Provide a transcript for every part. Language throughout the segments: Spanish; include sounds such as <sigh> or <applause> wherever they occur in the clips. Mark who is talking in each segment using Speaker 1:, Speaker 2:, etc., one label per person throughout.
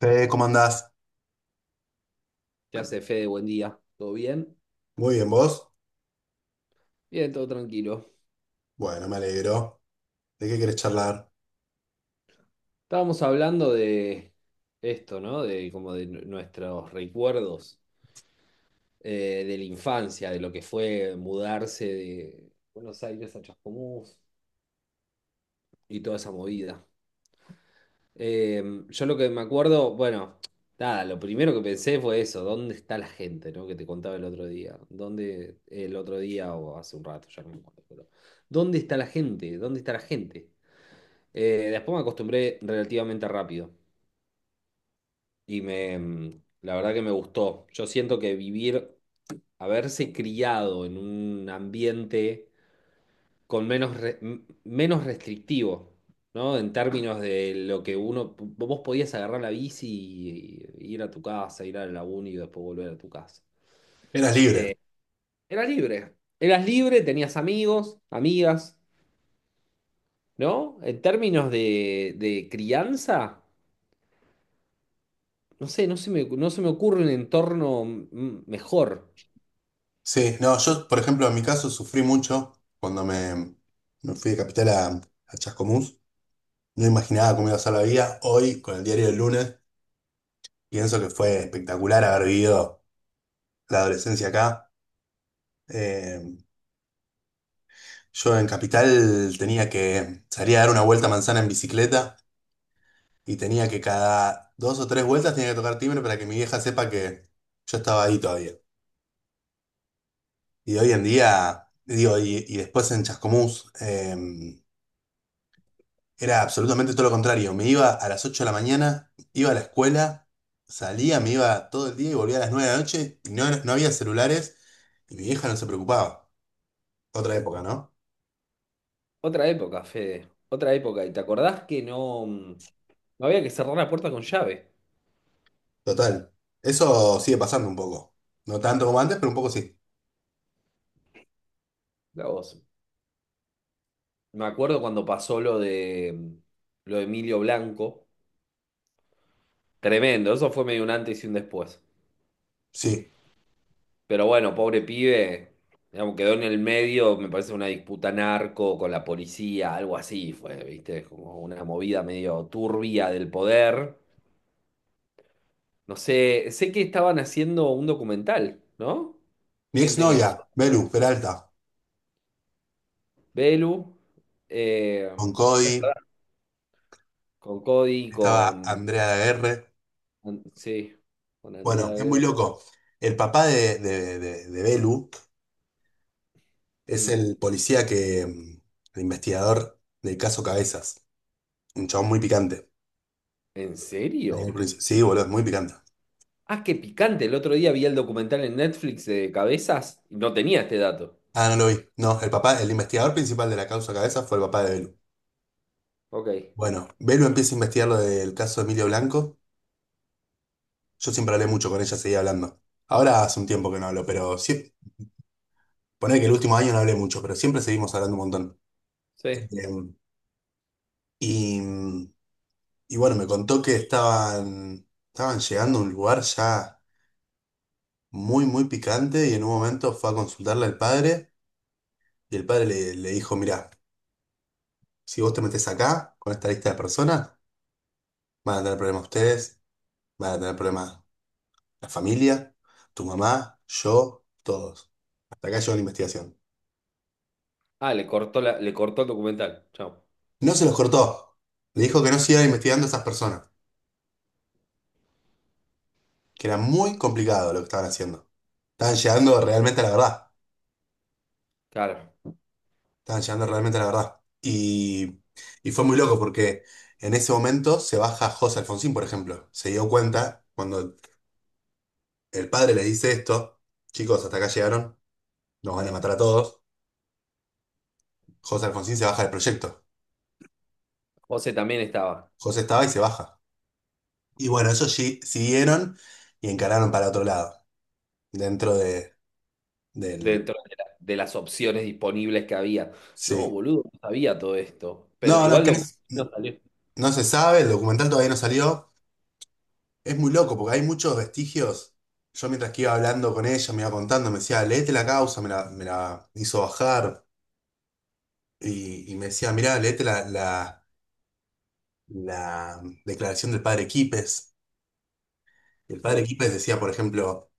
Speaker 1: ¿Cómo andás?
Speaker 2: ¿Qué hace Fede? Buen día. ¿Todo bien?
Speaker 1: Muy bien, ¿vos?
Speaker 2: Bien, todo tranquilo.
Speaker 1: Bueno, me alegro. ¿De qué querés charlar?
Speaker 2: Estábamos hablando de esto, ¿no? De como de nuestros recuerdos, de la infancia, de lo que fue mudarse de Buenos Aires a Chascomús y toda esa movida. Eh, yo lo que me acuerdo, bueno, nada, lo primero que pensé fue eso, ¿dónde está la gente?, ¿no? Que te contaba el otro día. ¿Dónde? El otro día o hace un rato, ya no me acuerdo, pero ¿dónde está la gente? ¿Dónde está la gente? Después me acostumbré relativamente rápido y me, la verdad que me gustó. Yo siento que vivir, haberse criado en un ambiente con menos, menos restrictivo, ¿no? En términos de lo que uno, vos podías agarrar la bici y ir a tu casa, ir a la uni y después volver a tu casa.
Speaker 1: Eras libre.
Speaker 2: Eras libre. Eras libre, tenías amigos, amigas, ¿no? En términos de crianza. No sé, no se me, no se me ocurre un entorno mejor.
Speaker 1: Sí, no, yo, por ejemplo, en mi caso sufrí mucho cuando me fui de Capital a Chascomús. No imaginaba cómo iba a ser la vida. Hoy, con el diario del lunes, pienso que fue espectacular haber vivido la adolescencia acá. Eh, yo en Capital tenía que salir a dar una vuelta a manzana en bicicleta y tenía que cada dos o tres vueltas tenía que tocar timbre para que mi vieja sepa que yo estaba ahí todavía. Y hoy en día, digo, y después en Chascomús, era absolutamente todo lo contrario. Me iba a las 8 de la mañana, iba a la escuela, salía, me iba todo el día y volvía a las 9 de la noche, y no había celulares y mi vieja no se preocupaba. Otra época, ¿no?
Speaker 2: Otra época, Fede. Otra época. ¿Y te acordás que no, no había que cerrar la puerta con llave?
Speaker 1: Total. Eso sigue pasando un poco. No tanto como antes, pero un poco sí.
Speaker 2: La voz. Me acuerdo cuando pasó lo de Emilio Blanco. Tremendo, eso fue medio un antes y un después.
Speaker 1: Sí.
Speaker 2: Pero bueno, pobre pibe, digamos, quedó en el medio, me parece una disputa narco con la policía, algo así fue, ¿viste? Como una movida medio turbia del poder. No sé, sé que estaban haciendo un documental, ¿no?
Speaker 1: Mi
Speaker 2: Gente que
Speaker 1: exnovia,
Speaker 2: nos...
Speaker 1: Belu Peralta,
Speaker 2: Belu, eh,
Speaker 1: con Cody,
Speaker 2: con Cody,
Speaker 1: estaba
Speaker 2: con...
Speaker 1: Andrea de R.
Speaker 2: Sí, con Andrea
Speaker 1: Bueno, es muy
Speaker 2: Guerra.
Speaker 1: loco. El papá de Belu. Es
Speaker 2: Hmm.
Speaker 1: el policía que, el investigador del caso Cabezas. Un chabón muy picante.
Speaker 2: ¿En
Speaker 1: Ahí en el
Speaker 2: serio?
Speaker 1: principio. Sí, boludo, es muy picante.
Speaker 2: Ah, qué picante. El otro día vi el documental en Netflix de Cabezas y no tenía este dato.
Speaker 1: Ah, no lo vi. No, el papá, el investigador principal de la causa Cabezas fue el papá de Belu.
Speaker 2: Ok,
Speaker 1: Bueno, Belu empieza a investigar lo del caso de Emilio Blanco. Yo siempre hablé mucho con ella, seguía hablando. Ahora hace un tiempo que no hablo, pero sí. Poner que el último año no hablé mucho, pero siempre seguimos hablando un montón. Eh,
Speaker 2: sí.
Speaker 1: y, y bueno, me contó que estaban llegando a un lugar ya muy, muy picante. Y en un momento fue a consultarle al padre y el padre le dijo, mirá, si vos te metés acá con esta lista de personas, van a tener problemas ustedes, van a tener problemas la familia, tu mamá, yo, todos. Hasta acá llegó la investigación.
Speaker 2: Ah, le cortó, le cortó el documental. Chao.
Speaker 1: No se los cortó. Le dijo que no siga investigando a esas personas, que era muy complicado lo que estaban haciendo. Estaban llegando realmente a la verdad.
Speaker 2: Claro.
Speaker 1: Estaban llegando realmente a la verdad. Y fue muy loco porque... En ese momento se baja José Alfonsín, por ejemplo. Se dio cuenta cuando el padre le dice esto: chicos, hasta acá llegaron, nos van a matar a todos. José Alfonsín se baja del proyecto.
Speaker 2: José también estaba.
Speaker 1: José estaba y se baja. Y bueno, ellos siguieron y encararon para otro lado, dentro de, del...
Speaker 2: Dentro de las opciones disponibles que había. No,
Speaker 1: Sí.
Speaker 2: boludo, no sabía todo esto. Pero
Speaker 1: No, no,
Speaker 2: igual
Speaker 1: que no,
Speaker 2: lo no salió.
Speaker 1: no se sabe, el documental todavía no salió. Es muy loco porque hay muchos vestigios. Yo mientras que iba hablando con ella, me iba contando, me decía, léete la causa, me la hizo bajar. Y me decía, mirá, léete la declaración del padre Quipes. El padre
Speaker 2: Sí,
Speaker 1: Quípez decía, por ejemplo,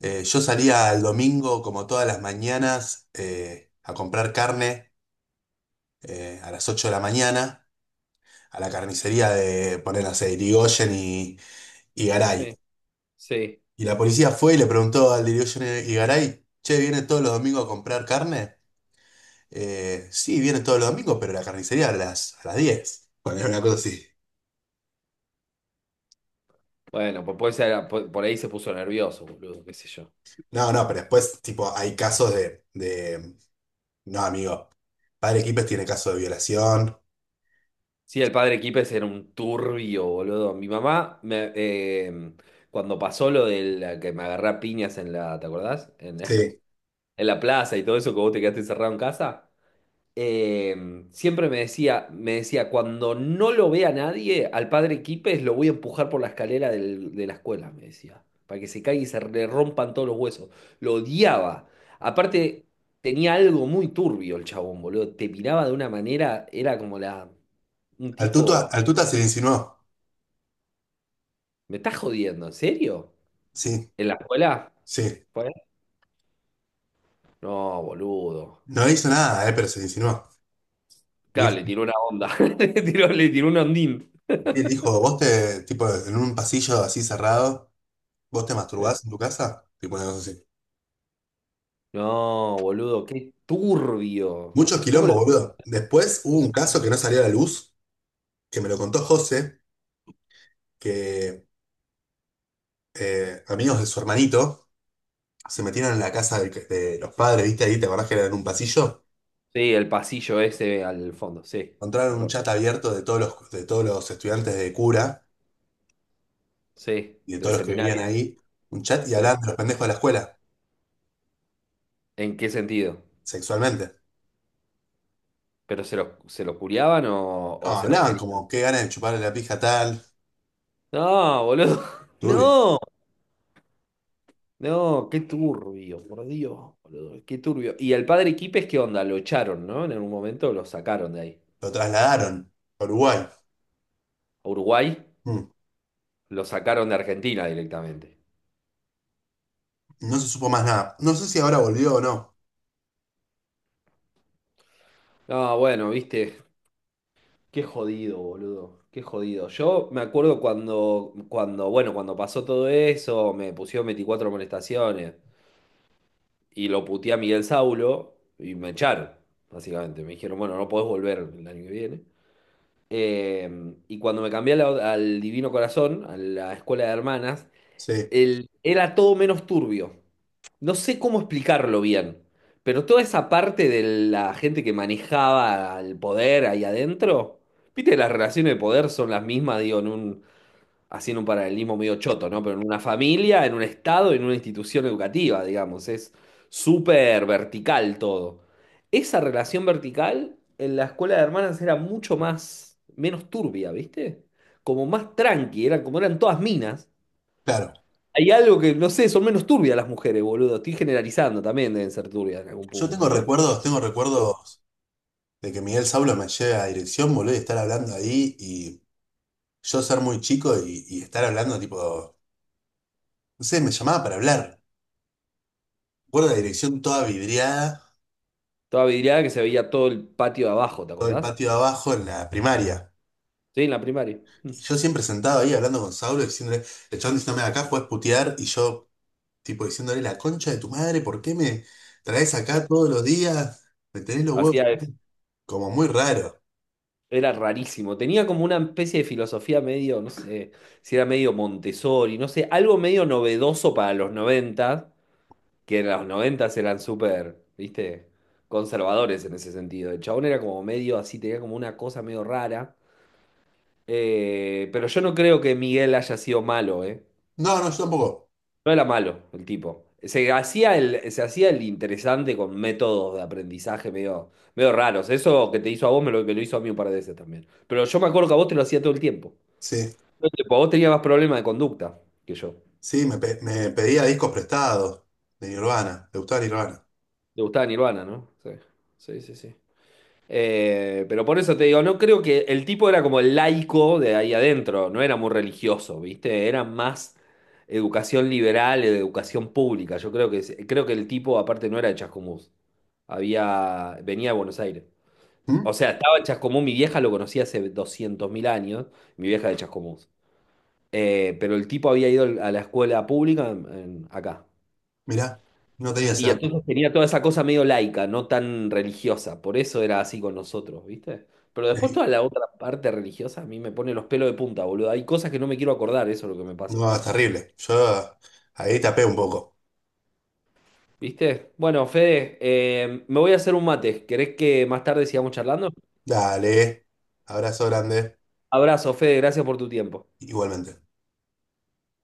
Speaker 1: yo salía el domingo como todas las mañanas, a comprar carne, a las 8 de la mañana, a la carnicería de, poner, no sé, Irigoyen y Garay.
Speaker 2: sí, sí.
Speaker 1: Y la policía fue y le preguntó al de Irigoyen y Garay, che, ¿viene todos los domingos a comprar carne? Sí, viene todos los domingos, pero la carnicería a las, 10. Bueno, era una cosa así.
Speaker 2: Bueno, pues puede ser, por ahí se puso nervioso, boludo, qué sé yo.
Speaker 1: No, no, pero después, tipo, hay casos. No, amigo, padre Quípez tiene casos de violación.
Speaker 2: Sí, el padre Kipes era un turbio, boludo. Mi mamá, cuando pasó lo de la que me agarré a piñas en la, ¿te acordás? En
Speaker 1: Sí.
Speaker 2: <laughs> en la plaza y todo eso, que vos te quedaste encerrado en casa. Eh, siempre me decía, cuando no lo vea nadie, al padre Quipes lo voy a empujar por la escalera de la escuela, me decía, para que se caiga y se le rompan todos los huesos. Lo odiaba. Aparte, tenía algo muy turbio el chabón, boludo. Te miraba de una manera, era como un
Speaker 1: Al Tuta,
Speaker 2: tipo,
Speaker 1: al Tuta se le insinuó,
Speaker 2: ¿me estás jodiendo? ¿En serio?
Speaker 1: sí,
Speaker 2: ¿En la escuela?
Speaker 1: sí.
Speaker 2: ¿Fue? No, boludo.
Speaker 1: No le hizo nada, pero se le insinuó. Le
Speaker 2: Claro,
Speaker 1: dijo,
Speaker 2: le tiró una onda. <laughs> Le tiró un ondín.
Speaker 1: le dijo, tipo, en un pasillo así cerrado, vos te
Speaker 2: Sí.
Speaker 1: masturbás en tu casa, tipo una cosa así.
Speaker 2: No, boludo, qué turbio.
Speaker 1: Muchos
Speaker 2: ¿Cómo
Speaker 1: quilombo,
Speaker 2: lo...
Speaker 1: boludo. Después hubo un caso que no salió a la luz, que me lo contó José, que amigos de su hermanito se metieron en la casa del de los padres, ¿viste ahí? ¿Te acordás que era en un pasillo?
Speaker 2: Sí, el pasillo ese al fondo, sí, me
Speaker 1: Encontraron un
Speaker 2: acuerdo.
Speaker 1: chat abierto de todos los estudiantes de cura
Speaker 2: Sí,
Speaker 1: y de
Speaker 2: del
Speaker 1: todos los que vivían
Speaker 2: seminario,
Speaker 1: ahí, un chat, y
Speaker 2: sí.
Speaker 1: hablaban de los pendejos de la escuela.
Speaker 2: ¿En qué sentido?
Speaker 1: Sexualmente.
Speaker 2: ¿Pero se los curiaban o,
Speaker 1: No,
Speaker 2: se los
Speaker 1: hablaban
Speaker 2: querían?
Speaker 1: como qué ganas de chuparle la pija a tal,
Speaker 2: No, boludo, <laughs>
Speaker 1: turbio.
Speaker 2: no, no, qué turbio, por Dios, boludo, qué turbio. ¿Y el padre Quipes qué onda? Lo echaron, ¿no? En algún momento lo sacaron de ahí.
Speaker 1: Lo trasladaron a Uruguay.
Speaker 2: A Uruguay
Speaker 1: Mm,
Speaker 2: lo sacaron de Argentina directamente.
Speaker 1: No se supo más nada. No sé si ahora volvió o no.
Speaker 2: No, bueno, viste. Qué jodido, boludo. Qué jodido. Yo me acuerdo bueno, cuando pasó todo eso, me pusieron 24 molestaciones y lo puteé a Miguel Saulo y me echaron, básicamente. Me dijeron, bueno, no podés volver el año que viene. Eh, y cuando me cambié a al Divino Corazón, a la escuela de hermanas,
Speaker 1: Sí,
Speaker 2: era todo menos turbio. No sé cómo explicarlo bien, pero toda esa parte de la gente que manejaba el poder ahí adentro, viste, las relaciones de poder son las mismas, digo, en un, haciendo un paralelismo medio choto, ¿no? Pero en una familia, en un estado, en una institución educativa, digamos, es súper vertical todo. Esa relación vertical en la escuela de hermanas era mucho más, menos turbia, ¿viste? Como más tranqui, eran como eran todas minas.
Speaker 1: claro.
Speaker 2: Hay algo que, no sé, son menos turbias las mujeres, boludo. Estoy generalizando también, deben ser turbias en algún
Speaker 1: Yo
Speaker 2: punto, ¿no?
Speaker 1: tengo
Speaker 2: Sí.
Speaker 1: recuerdos de que Miguel Saulo me lleve a dirección, boludo, y estar hablando ahí y yo ser muy chico y, estar hablando tipo, no sé, me llamaba para hablar. Recuerdo la dirección toda vidriada,
Speaker 2: Toda vidriada que se veía todo el patio de abajo, ¿te
Speaker 1: todo el
Speaker 2: acordás?
Speaker 1: patio de abajo en la primaria.
Speaker 2: Sí, en la primaria. Mm.
Speaker 1: Y yo siempre sentado ahí hablando con Saulo, diciéndole, el chabón diciéndome acá puedes putear. Y yo, tipo, diciéndole la concha de tu madre, ¿por qué me traes acá todos los días? Me tenés los huevos
Speaker 2: Hacía eso.
Speaker 1: como muy raro.
Speaker 2: Era rarísimo. Tenía como una especie de filosofía medio, no sé, si era medio Montessori, no sé, algo medio novedoso para los 90, que en los 90 eran súper, viste, conservadores en ese sentido. El chabón era como medio así, tenía como una cosa medio rara. Pero yo no creo que Miguel haya sido malo, ¿eh?
Speaker 1: No, no, yo tampoco.
Speaker 2: No era malo el tipo. Se hacía el interesante con métodos de aprendizaje medio, medio raros. Eso que te hizo a vos me lo hizo a mí un par de veces también. Pero yo me acuerdo que a vos te lo hacía todo el tiempo.
Speaker 1: Sí,
Speaker 2: Todo el tiempo. Vos tenías más problemas de conducta que yo.
Speaker 1: sí, me pedía discos prestados de Nirvana, de gustaba Nirvana.
Speaker 2: Te gustaba Nirvana, ¿no? Sí, sí, sí, sí. Pero por eso te digo, no creo que el tipo era como el laico de ahí adentro, no era muy religioso, ¿viste? Era más educación liberal, educación pública. Yo creo que, el tipo aparte no era de Chascomús. Había, venía de Buenos Aires. O
Speaker 1: ¿Mm?
Speaker 2: sea, estaba en Chascomús, mi vieja lo conocía hace 200.000 años, mi vieja de Chascomús. Pero el tipo había ido a la escuela pública acá.
Speaker 1: Mirá, no tenía ese
Speaker 2: Y
Speaker 1: dato.
Speaker 2: entonces tenía toda esa cosa medio laica, no tan religiosa. Por eso era así con nosotros, ¿viste? Pero después
Speaker 1: Ahí.
Speaker 2: toda la otra parte religiosa a mí me pone los pelos de punta, boludo. Hay cosas que no me quiero acordar, eso es lo que me pasa.
Speaker 1: No, es terrible. Yo ahí tapé un poco.
Speaker 2: ¿Viste? Bueno, Fede, me voy a hacer un mate. ¿Querés que más tarde sigamos charlando?
Speaker 1: Dale, abrazo grande,
Speaker 2: Abrazo, Fede, gracias por tu tiempo.
Speaker 1: igualmente.